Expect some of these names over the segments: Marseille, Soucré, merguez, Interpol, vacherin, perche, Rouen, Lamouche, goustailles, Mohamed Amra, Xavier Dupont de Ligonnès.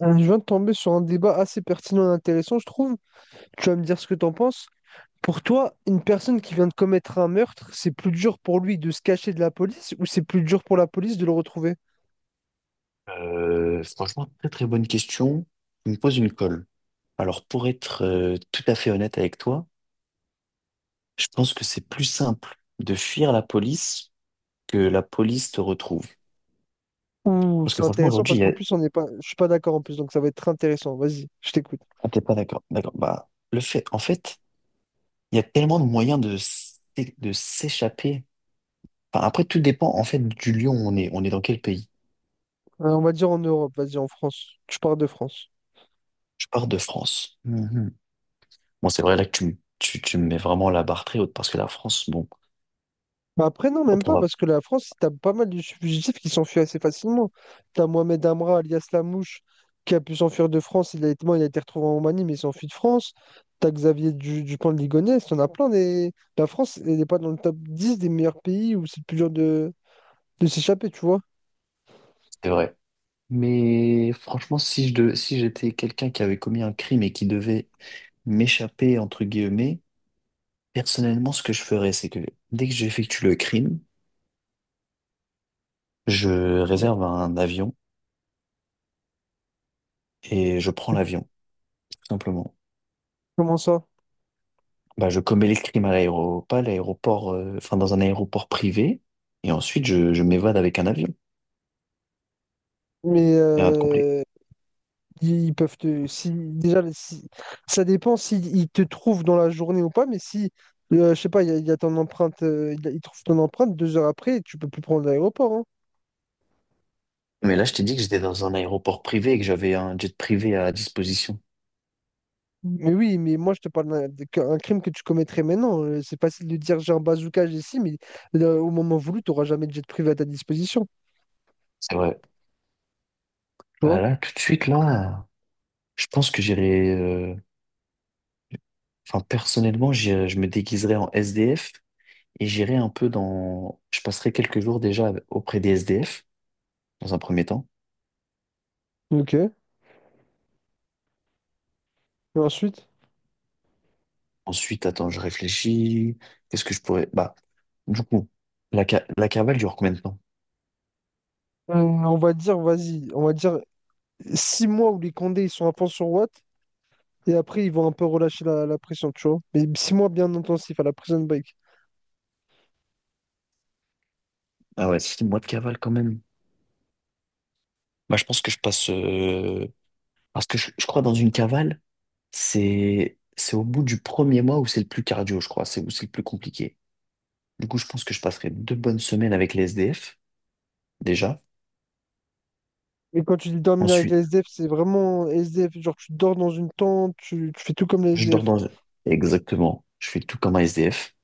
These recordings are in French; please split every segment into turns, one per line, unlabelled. On vient de tomber sur un débat assez pertinent et intéressant, je trouve. Tu vas me dire ce que t'en penses. Pour toi, une personne qui vient de commettre un meurtre, c'est plus dur pour lui de se cacher de la police ou c'est plus dur pour la police de le retrouver?
Franchement, très très bonne question. Tu me poses une colle. Alors, pour être tout à fait honnête avec toi, je pense que c'est plus simple de fuir la police que la police te retrouve.
Ouh,
Parce
c'est
que franchement,
intéressant
aujourd'hui,
parce
il y
qu'en
a...
plus, on n'est pas, je suis pas d'accord en plus, donc ça va être très intéressant. Vas-y, je t'écoute.
Ah, t'es pas d'accord. D'accord. Bah, le fait, en fait, il y a tellement de moyens de s'échapper. Enfin, après, tout dépend en fait du lieu où on est. On est dans quel pays?
On va dire en Europe, vas-y, en France. Tu parles de France.
Je pars de France. Mhm. Bon, c'est vrai là que tu me mets vraiment la barre très haute parce que la France, bon,
Bah après, non, même
on
pas,
va.
parce que la France, t'as pas mal de fugitifs qui s'enfuient assez facilement. T'as Mohamed Amra, alias Lamouche, qui a pu s'enfuir de France. Il a été, bon, il a été retrouvé en Roumanie, mais il s'enfuit de France. T'as Dupont de Ligonnès. T'en as plein. Des... La France, elle n'est pas dans le top 10 des meilleurs pays où c'est le plus dur de s'échapper, tu vois.
C'est vrai. Mais franchement, si je devais- si j'étais quelqu'un qui avait commis un crime et qui devait m'échapper, entre guillemets, personnellement, ce que je ferais, c'est que dès que j'effectue le crime, je réserve un avion et je prends l'avion, tout simplement.
Comment ça?
Bah, je commets les crimes pas à l'aéroport, enfin dans un aéroport privé, et ensuite je m'évade avec un avion.
Mais
Et rien de compliqué.
ils peuvent te. Si, déjà, si- Ça dépend s'ils te trouvent dans la journée ou pas, mais si, je sais pas, il y a ton empreinte, ils trouvent ton empreinte 2 heures après, tu peux plus prendre l'aéroport, hein.
Mais là, je t'ai dit que j'étais dans un aéroport privé et que j'avais un jet privé à disposition.
Mais oui, mais moi, je te parle qu'un crime que tu commettrais maintenant. C'est facile de dire j'ai un bazooka, j'ai ci, mais au moment voulu, tu n'auras jamais de jet privé à ta disposition.
C'est vrai.
Tu
Bah
vois?
là, tout de suite, là, je pense que j'irai. Enfin, personnellement, je me déguiserai en SDF et j'irai un peu dans. Je passerai quelques jours déjà auprès des SDF, dans un premier temps.
Ok. Et ensuite,
Ensuite, attends, je réfléchis. Qu'est-ce que je pourrais. Bah, du coup, la cavale dure combien de temps?
on va dire, vas-y, on va dire 6 mois où les Condés ils sont à fond sur Watt. Et après, ils vont un peu relâcher la pression, tu vois. Mais 6 mois bien intensif à la prison break.
Ah ouais, 6 mois de cavale quand même. Bah, je pense que je passe. Parce que je crois dans une cavale. C'est au bout du premier mois où c'est le plus cardio, je crois. C'est où c'est le plus compliqué. Du coup, je pense que je passerai 2 bonnes semaines avec les SDF, déjà.
Mais quand tu dis dormir avec les
Ensuite,
SDF, c'est vraiment SDF. Genre, tu dors dans une tente, tu fais tout comme les
je dors
SDF.
dans... Exactement. Je fais tout comme un SDF.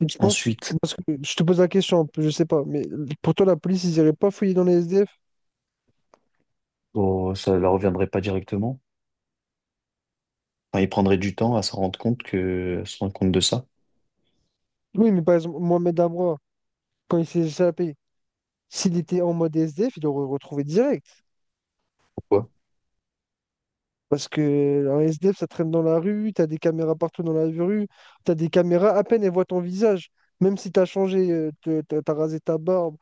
Et tu penses,
Ensuite,
parce que je te pose la question, un peu, je sais pas, mais pour toi, la police, ils iraient pas fouiller dans les SDF?
oh, ça leur reviendrait pas directement. Enfin, ils prendraient du temps à se rendre compte que... se rendre compte de ça.
Oui, mais par exemple, Mohamed Amra, quand il s'est échappé, s'il était en mode SDF, il l'aurait retrouvé direct.
Pourquoi?
Parce que un SDF, ça traîne dans la rue, t'as des caméras partout dans la rue, t'as des caméras, à peine elles voient ton visage. Même si t'as changé, t'as rasé ta barbe,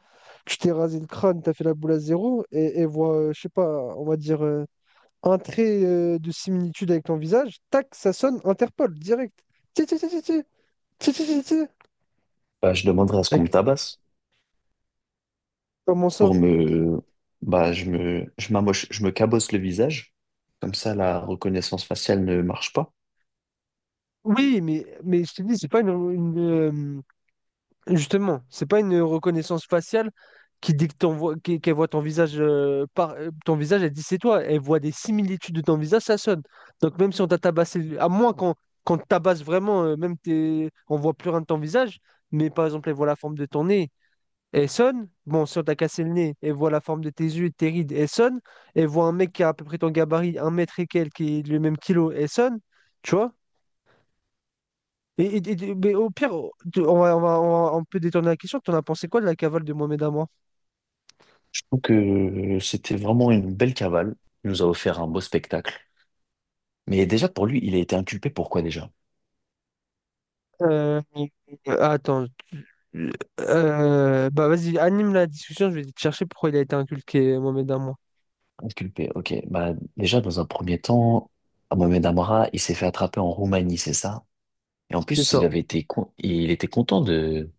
tu t'es rasé le crâne, t'as fait la boule à zéro, et elles voient, je sais pas, on va dire, un trait de similitude avec ton visage, tac, ça sonne Interpol, direct. Ti, ti, ti, ti, ti, ti, ti, ti, ti.
Bah, je demanderai à ce qu'on me
Mec,
tabasse
comment
pour
ça?
me... Bah, je me... Je m'amoche... je me cabosse le visage. Comme ça, la reconnaissance faciale ne marche pas.
Oui, mais je te dis, c'est pas une, justement, c'est pas une reconnaissance faciale qui dit que qu'elle voit ton visage par ton visage, elle dit c'est toi. Elle voit des similitudes de ton visage, ça sonne. Donc même si on t'a tabassé, à moins qu'on te tabasse vraiment, même t'es, on voit plus rien de ton visage, mais par exemple elle voit la forme de ton nez, elle sonne. Bon, si on t'a cassé le nez, elle voit la forme de tes yeux, et de tes rides, elle sonne. Elle voit un mec qui a à peu près ton gabarit, un mètre et quelques, qui est le même kilo, elle sonne. Tu vois? Mais au pire, on peut détourner la question. T'en as pensé quoi de la cavale de Mohamed Amour?
Je trouve que c'était vraiment une belle cavale. Il nous a offert un beau spectacle. Mais déjà, pour lui, il a été inculpé. Pourquoi déjà?
Euh, Attends. Bah vas-y, anime la discussion. Je vais te chercher pourquoi il a été inculqué, Mohamed Amour.
Inculpé, ok. Bah, déjà, dans un premier temps, Mohamed Amra, il s'est fait attraper en Roumanie, c'est ça? Et en
C'est
plus,
ça.
il était content de,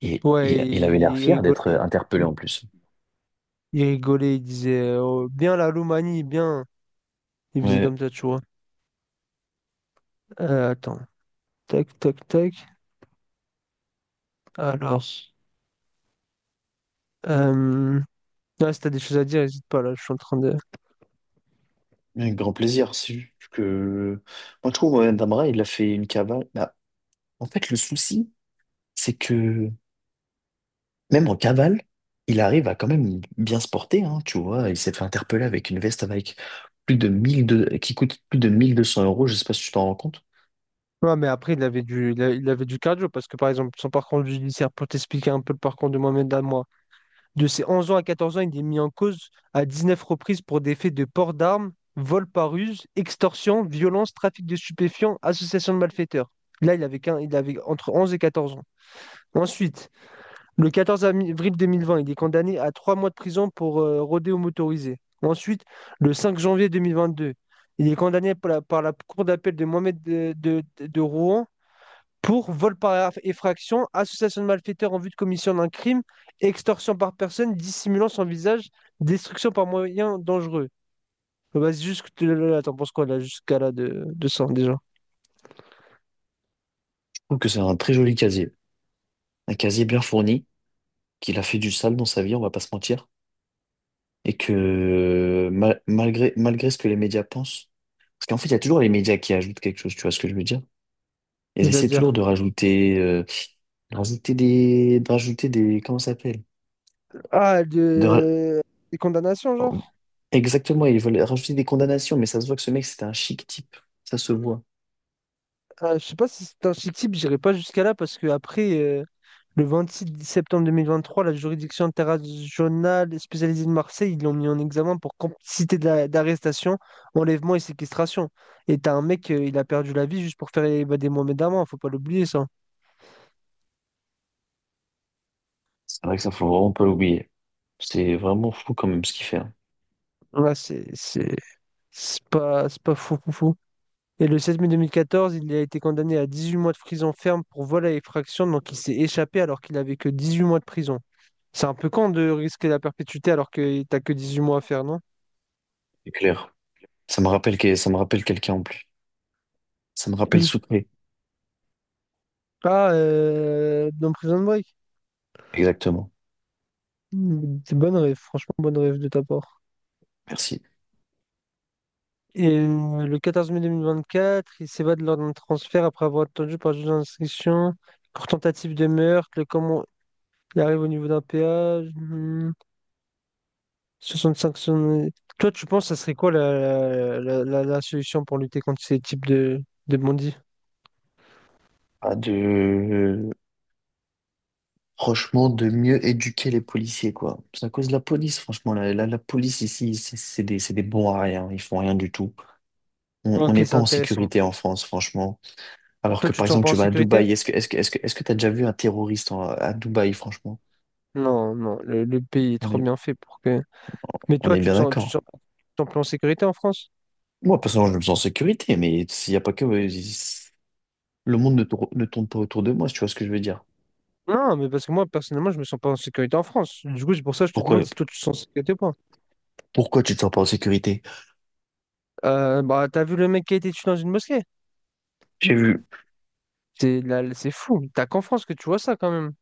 Ouais,
il avait l'air
il
fier d'être
rigolait.
interpellé
Il,
en plus.
il rigolait. Il disait oh, bien la Roumanie, bien. Il faisait
Ouais,
comme ça, tu vois. Attends. Tac, tac, tac. Alors. Euh... ouais, si t'as des choses à dire, n'hésite pas là. Je suis en train de.
avec grand plaisir. C'est juste que, moi, je trouve, Mohamed Amra, il a fait une cavale. Bah, en fait, le souci, c'est que même en cavale, il arrive à quand même bien se porter, hein, tu vois. Il s'est fait interpeller avec une veste avec plus de 1200, qui coûte plus de 1 200 euros, je sais pas si tu t'en rends compte.
Ouais, mais après, il avait du, il avait du cardio parce que, par exemple, son parcours judiciaire, pour t'expliquer un peu le parcours de Mohamed moi de ses 11 ans à 14 ans, il est mis en cause à 19 reprises pour des faits de port d'armes, vol par ruse, extorsion, violence, trafic de stupéfiants, association de malfaiteurs. Là, il avait entre 11 et 14 ans. Ensuite, le 14 avril 2020, il est condamné à 3 mois de prison pour rodéo motorisé. Ensuite, le 5 janvier 2022, il est condamné par par la cour d'appel de de Rouen pour vol par effraction, association de malfaiteurs en vue de commission d'un crime, extorsion par personne dissimulant son visage, destruction par moyen dangereux. Bah, juste, là, t'en penses quoi là, jusqu'à là de ça déjà?
Je trouve que c'est un très joli casier. Un casier bien fourni, qu'il a fait du sale dans sa vie, on va pas se mentir. Et que malgré ce que les médias pensent, parce qu'en fait, il y a toujours les médias qui ajoutent quelque chose, tu vois ce que je veux dire? Ils essaient toujours
C'est-à-dire.
de rajouter comment ça s'appelle?
Ah, de... des condamnations,
Oh,
genre?
exactement, ils veulent rajouter des condamnations, mais ça se voit que ce mec, c'était un chic type. Ça se voit.
Ah, je sais pas si c'est un chic type, j'irai pas jusqu'à là parce que après le 26 septembre 2023, la juridiction interrégionale spécialisée de Marseille, ils l'ont mis en examen pour complicité d'arrestation, enlèvement et séquestration. Et t'as un mec, il a perdu la vie juste pour faire évader Mohamed Amman, faut pas l'oublier ça.
C'est vrai que ça, faut vraiment pas l'oublier. C'est vraiment fou quand même ce qu'il fait, hein.
Ouais, c'est pas fou fou fou. Et le 7 mai 2014, il a été condamné à 18 mois de prison ferme pour vol à effraction, donc il s'est échappé alors qu'il avait que 18 mois de prison. C'est un peu con de risquer la perpétuité alors que t'as que 18 mois à faire, non?
C'est clair. Ça me rappelle quelqu'un en plus. Ça me rappelle
Oui.
Soucré.
Ah, dans Prison Break.
Exactement.
Mm, c'est bonne rêve, franchement, bonne rêve de ta part.
Merci.
Et le 14 mai 2024, il s'évade lors d'un transfert après avoir attendu par le juge d'instruction pour tentative de meurtre. Le comment il arrive au niveau d'un péage. Hmm, cinq son- toi, tu penses, ça serait quoi la solution pour lutter contre ces types de bandits?
Pas de... Franchement, de mieux éduquer les policiers, quoi. C'est à cause de la police, franchement. La police ici, c'est des bons à rien. Ils font rien du tout. On
Ok,
n'est
c'est
pas en
intéressant.
sécurité en France, franchement. Alors
Toi,
que
tu
par
te sens
exemple,
pas en
tu vas à
sécurité?
Dubaï, est-ce que t'as déjà vu un terroriste à Dubaï, franchement?
Non, non, le pays est
On
trop
est,
bien fait pour que. Mais
on
toi,
est bien d'accord.
tu te sens plus en sécurité en France?
Moi, personnellement, je me sens en sécurité, mais s'il n'y a pas que, le monde ne tourne pas autour de moi, si tu vois ce que je veux dire.
Non, mais parce que moi, personnellement, je me sens pas en sécurité en France. Du coup, c'est pour ça que je te demande
Pourquoi,
si toi, tu te sens en sécurité ou pas.
pourquoi tu te sens pas en sécurité?
Bah, t'as vu le mec qui a été tué dans une mosquée?
J'ai vu.
C'est là, c'est fou. T'as qu'en France que tu vois ça quand même.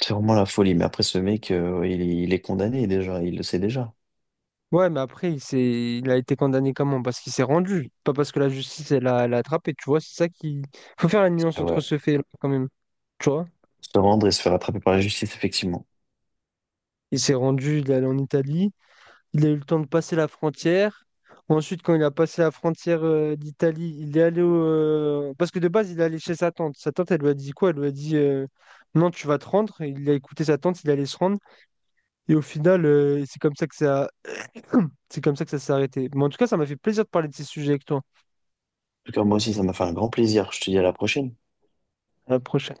C'est vraiment la folie, mais après ce mec, il est condamné déjà, il le sait déjà.
Ouais, mais après, il a été condamné comment? Parce qu'il s'est rendu, pas parce que la justice, elle l'a attrapé. Tu vois, c'est ça qui. Faut faire la nuance
Ah
entre
ouais.
ce fait-là quand même. Tu vois?
Se rendre et se faire attraper par la justice, effectivement.
Il s'est rendu, il est allé en Italie. Il a eu le temps de passer la frontière. Ensuite, quand il a passé la frontière d'Italie, il est allé au... parce que de base, il est allé chez sa tante. Sa tante, elle lui a dit quoi? Elle lui a dit non, tu vas te rendre. Il a écouté sa tante, il allait se rendre. Et au final, c'est comme ça que ça... c'est comme ça que ça s'est arrêté. Mais en tout cas, ça m'a fait plaisir de parler de ces sujets avec toi.
En tout cas, moi aussi, ça m'a fait un grand plaisir. Je te dis à la prochaine.
À la prochaine.